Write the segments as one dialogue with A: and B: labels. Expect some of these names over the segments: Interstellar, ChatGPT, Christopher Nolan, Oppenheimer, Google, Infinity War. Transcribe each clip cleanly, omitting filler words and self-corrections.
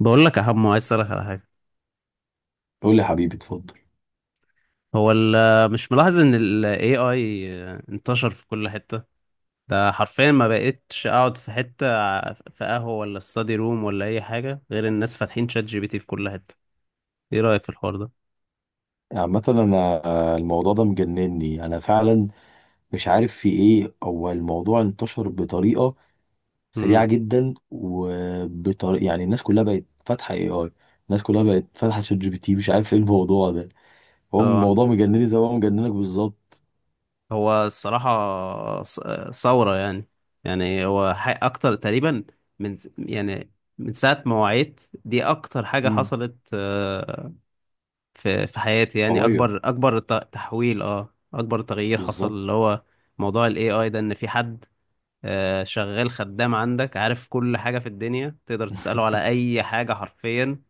A: بقول لك يا حمو، عايز اسالك على حاجه.
B: قول لي حبيبي، اتفضل.
A: هو ال مش ملاحظ ان ال AI انتشر في كل حته؟ ده حرفيا ما بقتش اقعد في حته، في قهوه ولا استادي روم ولا اي حاجه، غير الناس فاتحين شات جي بي تي في كل حته. ايه رايك في الحوار ده؟
B: عامة انا الموضوع ده مجنني انا فعلا. مش عارف في ايه، هو الموضوع انتشر بطريقة سريعة
A: امم.
B: جدا، وبطريقة يعني الناس كلها بقت فاتحة اي اي. الناس كلها بقت فاتحة شات جي بي تي، مش عارف ايه الموضوع ده. هو
A: اه.
B: الموضوع مجنني زي ما هو مجننك بالظبط.
A: هو الصراحه ثوره يعني. يعني هو اكتر تقريبا، من يعني من ساعه ما وعيت دي اكتر حاجه
B: امم.
A: حصلت، في حياتي يعني،
B: قوية.
A: اكبر اكبر تحويل، اه اكبر تغيير حصل
B: بالظبط.
A: اللي هو موضوع الاي اي ده، ان في حد شغال خدام عندك، عارف كل حاجة في الدنيا تقدر تسأله على اي حاجة حرفيا،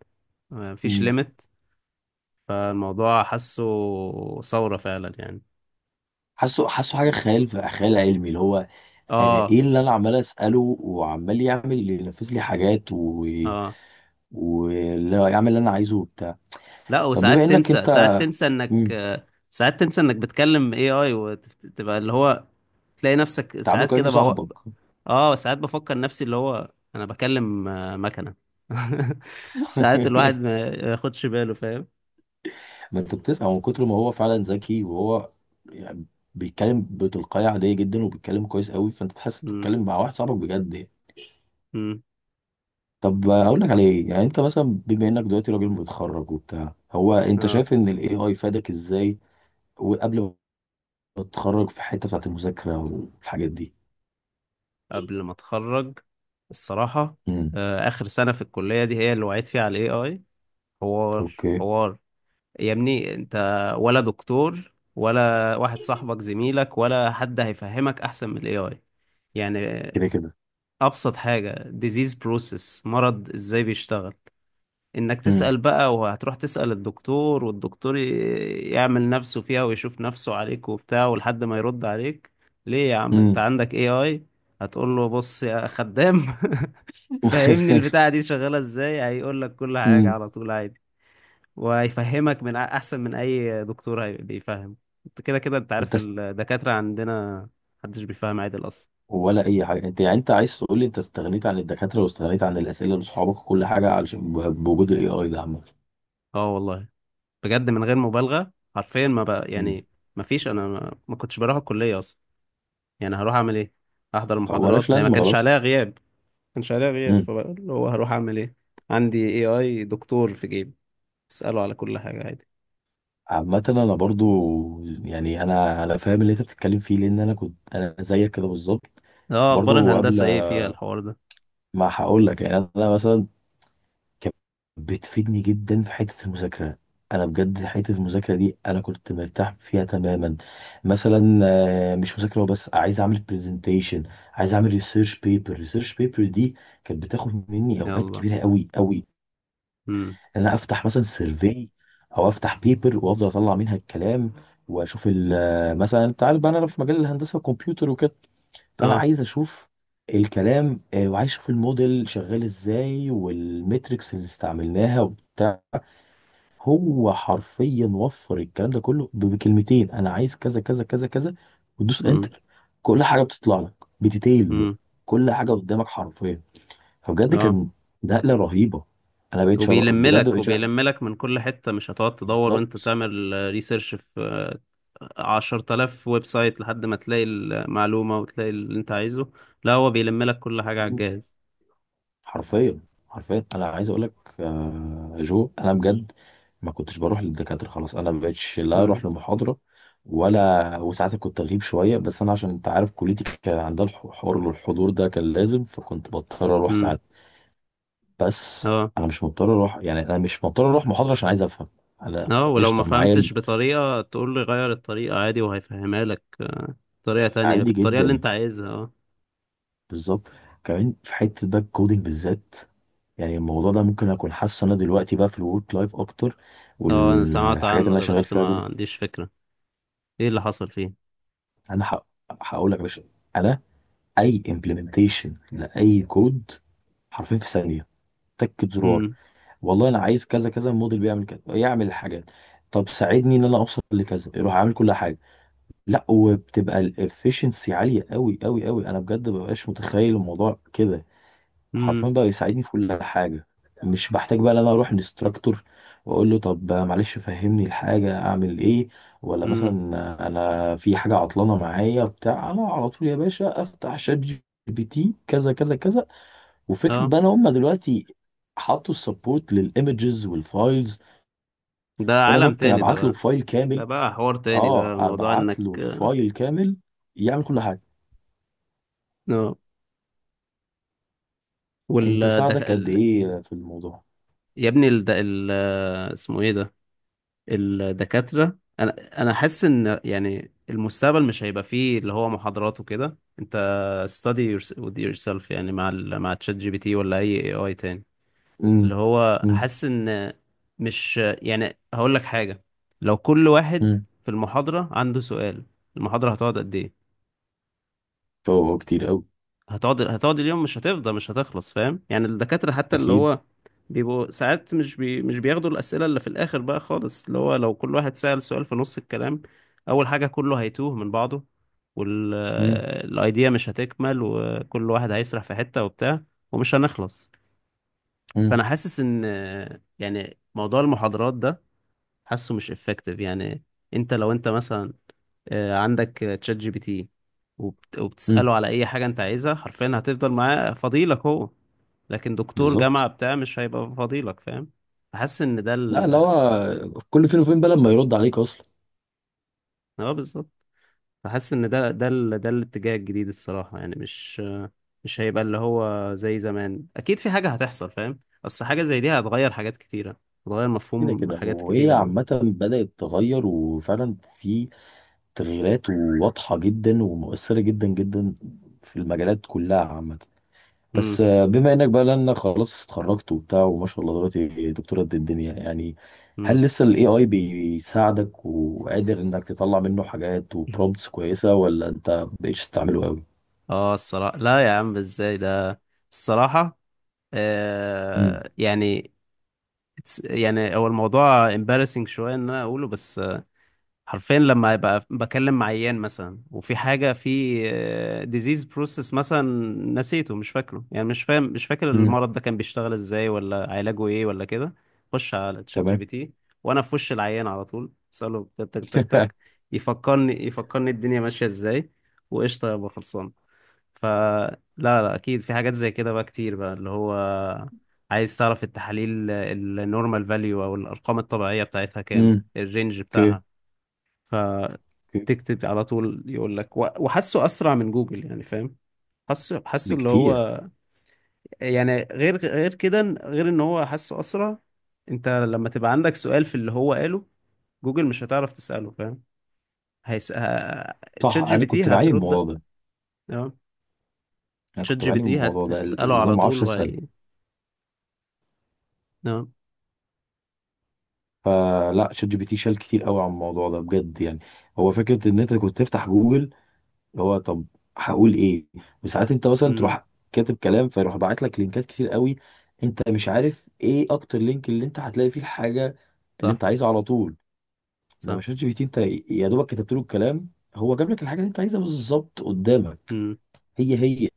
A: مفيش
B: امم.
A: ليميت. فالموضوع حاسه ثورة فعلا يعني.
B: حاسه حاسه حاجة خيال علمي، اللي هو انا
A: اه.
B: ايه اللي انا عمال اسأله، وعمال يعمل ينفذ لي حاجات و
A: اه.
B: ولا يعمل اللي انا عايزه وبتاع.
A: لا
B: طب بما
A: وساعات
B: انك
A: تنسى، ساعات
B: انت
A: تنسى انك
B: مم،
A: ساعات تنسى انك بتكلم اي اي وتبقى اللي هو تلاقي نفسك
B: بتعامله
A: ساعات
B: كأنه
A: كده بقى.
B: صاحبك.
A: اه ساعات بفكر نفسي اللي هو انا بكلم مكنة.
B: بس
A: ساعات الواحد ما ياخدش باله فاهم.
B: ما انت بتسمع، من كتر ما هو فعلا ذكي وهو يعني بيتكلم بتلقائية عادية جدا، وبيتكلم كويس قوي، فانت تحس
A: امم.
B: بتتكلم مع واحد صاحبك بجد يعني.
A: امم.
B: طب اقول لك على ايه؟ يعني انت مثلا بما انك دلوقتي راجل متخرج وبتاع، هو انت
A: اه.
B: شايف ان الاي اي فادك ازاي؟ وقبل ما تتخرج في الحتة بتاعت المذاكرة والحاجات دي؟
A: قبل ما اتخرج الصراحة،
B: امم.
A: اخر سنة في الكلية دي هي اللي وعيت فيها على الاي اي. حوار.
B: اوكي.
A: حوار. يا ابني انت، ولا دكتور ولا واحد صاحبك زميلك ولا حد هيفهمك احسن من الاي اي يعني.
B: كده كده.
A: ابسط حاجة، disease process، مرض ازاي بيشتغل، انك
B: امم.
A: تسأل بقى وهتروح تسأل الدكتور، والدكتور يعمل نفسه فيها ويشوف نفسه عليك وبتاع، ولحد ما يرد عليك، ليه يا عم انت
B: امم.
A: عندك اي اي. هتقول له بص يا خدام فهمني البتاعة دي شغالة ازاي، هيقول لك كل حاجة
B: امم.
A: على طول عادي. وهيفهمك من احسن من اي دكتور بيفهم. انت كده كده، انت عارف
B: فانت
A: الدكاترة عندنا محدش بيفهم عادل اصلا.
B: ولا اي حاجه، انت يعني انت عايز تقول لي انت استغنيت عن الدكاتره، واستغنيت عن الاسئله لاصحابك وكل حاجه، علشان بوجود الاي اي ده عامه؟
A: اه والله، بجد من غير مبالغة حرفيا ما بقى
B: امم.
A: يعني، ما فيش، انا ما كنتش بروح الكلية اصلا. يعني هروح اعمل ايه، احضر
B: فمالهاش
A: المحاضرات، هي ما
B: لازمه
A: كانش
B: خلاص.
A: عليها غياب، ما كانش عليها غياب،
B: امم.
A: فاللي هو هروح اعمل ايه. عندي اي اي دكتور في جيبي، اساله على كل حاجه عادي.
B: عامه انا برضو، يعني انا فاهم اللي انت بتتكلم فيه، لان انا كنت انا زيك كده بالظبط.
A: اه. اخبار
B: برضو قبل
A: الهندسه ايه فيها الحوار ده؟
B: ما هقول لك، يعني انا مثلا كانت بتفيدني جدا في حتة المذاكرة. أنا بجد حتة المذاكرة دي أنا كنت مرتاح فيها تماما. مثلا مش مذاكرة بس، عايز أعمل برزنتيشن، عايز أعمل ريسيرش بيبر. ريسيرش بيبر دي كانت بتاخد مني أوقات
A: يلا.
B: كبيرة أوي أوي.
A: امم.
B: إن أنا أفتح مثلا سيرفي، أو أفتح بيبر وأفضل أطلع منها الكلام، وأشوف مثلا أنت عارف بقى أنا في مجال الهندسة والكمبيوتر وكده، فأنا
A: اه.
B: عايز أشوف الكلام. وعايز أشوف الموديل شغال إزاي، والميتريكس اللي استعملناها وبتاع. هو حرفيا وفر الكلام ده كله بكلمتين، انا عايز كذا كذا كذا كذا، وتدوس
A: امم.
B: انتر، كل حاجه بتطلع لك بديتيل بقى.
A: امم.
B: كل حاجه قدامك حرفيا. فبجد
A: اه.
B: كان نقله رهيبه.
A: وبيلم
B: بجد
A: لك،
B: بقيت شر...
A: وبيلم لك من كل حته، مش هتقعد تدور وانت
B: بالظبط.
A: تعمل ريسيرش في 10000 ويب سايت لحد ما تلاقي المعلومه وتلاقي اللي انت عايزه. لا هو بيلم لك كل حاجه على الجهاز.
B: حرفيا. حرفيا انا عايز اقول لك، جو، انا بجد ما كنتش بروح للدكاتره خلاص، انا ما بقتش لا اروح
A: امم.
B: لمحاضره ولا، وساعات كنت اغيب شويه، بس انا عشان انت عارف كليتي كان عندها حوار الحضور ده كان لازم، فكنت بضطر اروح
A: امم.
B: ساعات. بس
A: اه.
B: انا مش مضطر اروح، يعني انا مش مضطر اروح محاضره عشان عايز افهم. انا
A: اه ولو ما
B: قشطه معايا
A: فهمتش بطريقة تقول له غير الطريقة عادي وهيفهمها لك، طريقة تانية
B: عادي
A: بالطريقة اللي
B: جدا.
A: انت عايزها اه.
B: بالظبط. كمان في حته بقى الكودينج بالذات، يعني الموضوع ده ممكن اكون حاسه انا دلوقتي بقى في الورك لايف اكتر،
A: اه انا سمعت
B: والحاجات اللي
A: عنه
B: انا
A: ده،
B: شغال
A: بس
B: فيها
A: ما
B: دول.
A: عنديش فكرة ايه اللي حصل فيه.
B: انا هقول لك يا باشا. انا اي امبلمنتيشن لاي كود حرفيا في ثانيه، تكة زرار.
A: امم.
B: والله انا عايز كذا كذا، الموديل بيعمل كذا، يعمل الحاجات، طب ساعدني ان انا اوصل لكذا، يروح عامل كل حاجه. لا، وبتبقى الافشنسي عاليه قوي قوي قوي، انا بجد مبقاش متخيل الموضوع كده. حرفيا
A: امم.
B: بقى يساعدني في كل حاجه. مش بحتاج بقى ان انا اروح لانستراكتور واقول له، طب معلش فهمني الحاجه اعمل ايه. ولا مثلا
A: امم.
B: انا في حاجه عطلانه معايا بتاع انا على طول يا باشا افتح شات جي بي تي كذا كذا كذا. وفكره
A: اه.
B: بقى ان هم دلوقتي حطوا السبورت للايمجز والفايلز،
A: ده
B: فانا
A: عالم
B: ممكن
A: تاني ده
B: ابعت له
A: بقى.
B: فايل
A: ده
B: كامل.
A: بقى حوار تاني، ده
B: اه،
A: موضوع
B: ابعت له
A: انك
B: الفايل كامل يعمل كل حاجه.
A: اه.
B: انت
A: وال ده
B: ساعدك قد
A: ال...
B: ايه في الموضوع؟
A: يا ابني ال... ده ال... اسمه ايه ده. الدكاترة، انا حاسس ان يعني المستقبل مش هيبقى فيه اللي هو محاضرات وكده، انت study yours- with yourself يعني مع ال مع تشات جي بي تي ولا اي اي اي تاني.
B: امم.
A: اللي هو
B: امم.
A: حاسس ان، مش يعني هقول لك حاجة، لو كل واحد
B: امم.
A: في المحاضرة عنده سؤال، المحاضرة هتقعد قد ايه؟
B: هو كتير قوي.
A: هتقعد اليوم، مش هتفضى، مش هتخلص، فاهم يعني؟ الدكاترة حتى اللي
B: اكيد.
A: هو بيبقوا ساعات مش مش بياخدوا الأسئلة اللي في الآخر بقى خالص، اللي هو لو كل واحد سأل سؤال في نص الكلام، أول حاجة كله هيتوه من بعضه،
B: امم.
A: والأيديا مش هتكمل، وكل واحد هيسرح في حتة وبتاع، ومش هنخلص.
B: امم.
A: فأنا حاسس إن يعني موضوع المحاضرات ده، حاسه مش effective يعني. أنت لو أنت مثلا عندك تشات جي بي تي
B: امم.
A: وبتسأله على أي حاجة أنت عايزها، حرفيا هتفضل معاه فضيلك هو، لكن دكتور جامعة
B: بالظبط.
A: بتاع مش هيبقى فضيلك فاهم. فحاسس إن ده
B: لا، اللي
A: ال
B: هو كل فين وفين بقى لما يرد عليك اصلا.
A: اه بالظبط. فحاسس إن ده ال... ده الاتجاه الجديد الصراحة، يعني مش مش هيبقى اللي هو زي زمان، أكيد في حاجة هتحصل فاهم. أصل حاجة زي دي هتغير حاجات كتيرة، هتغير
B: كده
A: مفهوم
B: كده،
A: حاجات
B: وهي
A: كتيرة أوي.
B: عامة بدأت تغير، وفعلا في تغييرات واضحة جدا، ومؤثرة جدا جدا في المجالات كلها عامة. بس
A: مم.
B: بما انك بقى، لانك خلاص اتخرجت وبتاع، وما شاء الله دلوقتي دكتورة قد الدنيا يعني، هل
A: مم.
B: لسه الاي اي بيساعدك وقادر انك تطلع منه حاجات وبرومبتس كويسة، ولا انت مبقتش تستعمله قوي؟
A: اه الصراحة لا يا عم، ازاي ده. الصراحة
B: امم.
A: آه يعني، it's- يعني هو الموضوع embarrassing شوية ان انا اقوله، بس حرفيا لما ابقى بكلم مع عيان مثلا وفي حاجة في disease process مثلا نسيته، مش فاكره يعني، مش فاهم مش فاكر
B: امم.
A: المرض ده كان بيشتغل ازاي، ولا علاجه ايه ولا كده، خش على تشات جي
B: تمام.
A: بي تي وانا في وش العيان على طول اساله تك تك تك تك، يفكرني، يفكرني الدنيا ماشية ازاي وقشطة يبقى خلصان. فلا لا لا، اكيد في حاجات زي كده بقى كتير، بقى اللي هو عايز تعرف التحاليل النورمال فاليو او الارقام الطبيعيه بتاعتها كام،
B: امم.
A: الرينج
B: اوكي.
A: بتاعها،
B: اوكي.
A: فتكتب على طول يقول لك، وحاسه اسرع من جوجل يعني فاهم. حاسه، حاسه اللي
B: بكتير.
A: هو يعني غير، غير كده، غير ان هو حاسه اسرع. انت لما تبقى عندك سؤال في اللي هو قاله، جوجل مش هتعرف تساله فاهم. هيس... ه-
B: صح،
A: تشات جي
B: انا
A: بي تي
B: كنت بعاني من
A: هترد.
B: الموضوع ده.
A: تمام.
B: انا
A: تشات
B: كنت
A: جي بي
B: بعاني من
A: تي
B: الموضوع ده،
A: هتساله
B: اللي انا
A: على
B: ما
A: طول
B: اعرفش اسال.
A: وهي. تمام.
B: فلا، شات جي بي تي شال كتير قوي عن الموضوع ده بجد يعني. هو فكرة ان انت كنت تفتح جوجل، اللي هو طب هقول ايه، وساعات انت مثلا
A: امم.
B: تروح كاتب كلام، فيروح باعت لك لينكات كتير قوي، انت مش عارف ايه اكتر لينك اللي انت هتلاقي فيه الحاجه اللي
A: صح.
B: انت عايزها على طول. لما
A: صح.
B: شات جي بي تي انت يا دوبك كتبت له الكلام، هو جاب لك الحاجه اللي انت عايزها بالظبط قدامك.
A: امم.
B: هي هي.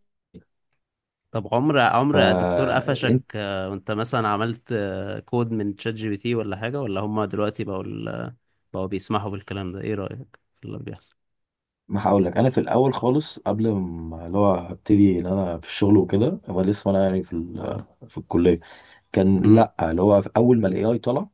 A: طب عمر، عمر دكتور قفشك
B: فانت
A: وانت مثلا عملت كود من تشات جي بي تي ولا حاجة، ولا هم دلوقتي بقوا ال- بقوا بيسمحوا بالكلام ده، ايه رأيك في اللي بيحصل؟
B: ما هقول لك، انا في الاول خالص قبل ما اللي هو ابتدي ان انا في الشغل وكده، هو لسه انا يعني في الكليه كان،
A: امم.
B: لا اللي هو في اول ما الاي اي طلع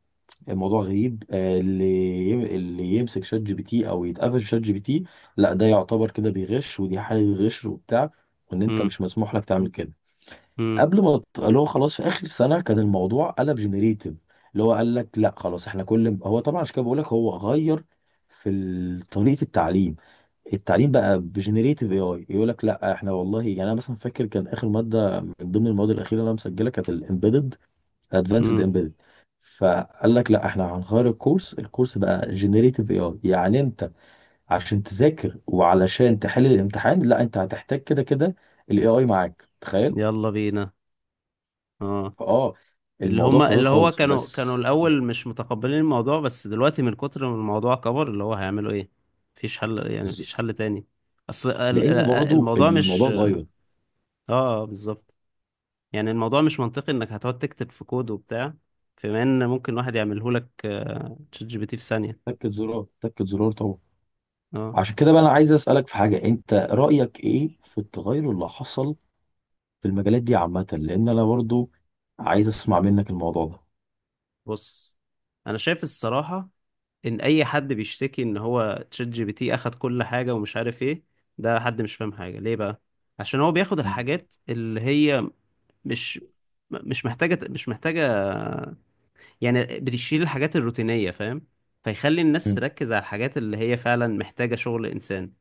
B: الموضوع غريب. اللي يمسك شات جي بي تي او يتقفش في شات جي بي تي، لا ده يعتبر كده بيغش، ودي حالة غش وبتاع، وان انت
A: امم.
B: مش مسموح لك تعمل كده.
A: امم.
B: قبل ما اللي هو خلاص في اخر سنة كان الموضوع قلب جنريتيف، اللي هو قال لك لا خلاص، احنا كل هو طبعا، عشان كده بقول لك هو غير طريقة التعليم. بقى بجنريتيف اي اي، يقول لك لا احنا والله، يعني انا مثلا فاكر كان اخر مادة من ضمن المواد الاخيرة اللي انا مسجلها كانت الامبيدد، ادفانسد
A: امم.
B: امبيدد. فقال لك لا احنا هنغير الكورس بقى جنريتيف اي اي، يعني انت عشان تذاكر وعلشان تحل الامتحان، لا انت هتحتاج كده كده الاي اي معاك، تخيل.
A: يلا بينا. اه.
B: فاه،
A: اللي
B: الموضوع
A: هم
B: اتغير
A: اللي هو
B: خالص.
A: كانوا
B: بس
A: الأول مش متقبلين الموضوع، بس دلوقتي من كتر ما الموضوع كبر اللي هو هيعملوا ايه. مفيش حل يعني،
B: ز-
A: مفيش حل تاني. اصل ال- ال-
B: لان برضو
A: الموضوع مش
B: الموضوع
A: اه
B: اتغير.
A: بالظبط. يعني الموضوع مش منطقي انك هتقعد تكتب في كود وبتاع، بما ان ممكن واحد يعمله لك تشات جي بي تي في ثانية.
B: تكت زرار تكت زرار طبعا.
A: اه.
B: عشان كده بقى انا عايز اسالك في حاجه، انت رايك ايه في التغير اللي حصل في المجالات دي عامه؟ لان انا برضو عايز اسمع منك الموضوع ده.
A: بص، انا شايف الصراحة ان اي حد بيشتكي ان هو تشات جي بي تي اخد كل حاجة ومش عارف ايه، ده حد مش فاهم حاجة ليه بقى، عشان هو بياخد
B: مم.
A: الحاجات اللي هي مش مش محتاجة، مش محتاجة يعني، بتشيل الحاجات الروتينية فاهم، فيخلي الناس
B: مم.
A: تركز على الحاجات اللي هي فعلا محتاجة شغل انسان.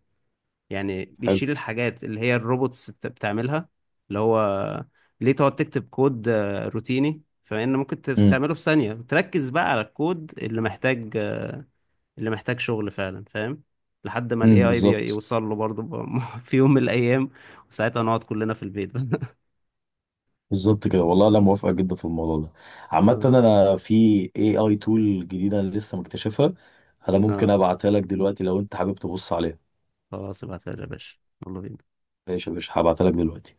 A: يعني
B: حلو.
A: بيشيل الحاجات اللي هي الروبوتس بتعملها. اللي هو ليه تقعد تكتب كود روتيني، فإن ممكن تعمله في ثانية، تركز بقى على الكود اللي محتاج اللي محتاج شغل فعلا فاهم. لحد ما الاي
B: امم.
A: اي
B: بالظبط.
A: بيوصل له برضه في يوم من الايام وساعتها نقعد كلنا في البيت.
B: بالظبط كده، والله انا موافقه جدا في الموضوع ده. عامه
A: اه.
B: انا في اي اي تول جديده أنا لسه مكتشفها، انا ممكن
A: اه
B: ابعتها لك دلوقتي لو انت حابب تبص عليها.
A: خلاص ابعتها لي يا باشا، يلا بينا.
B: ماشي يا باشا، هبعتها لك دلوقتي.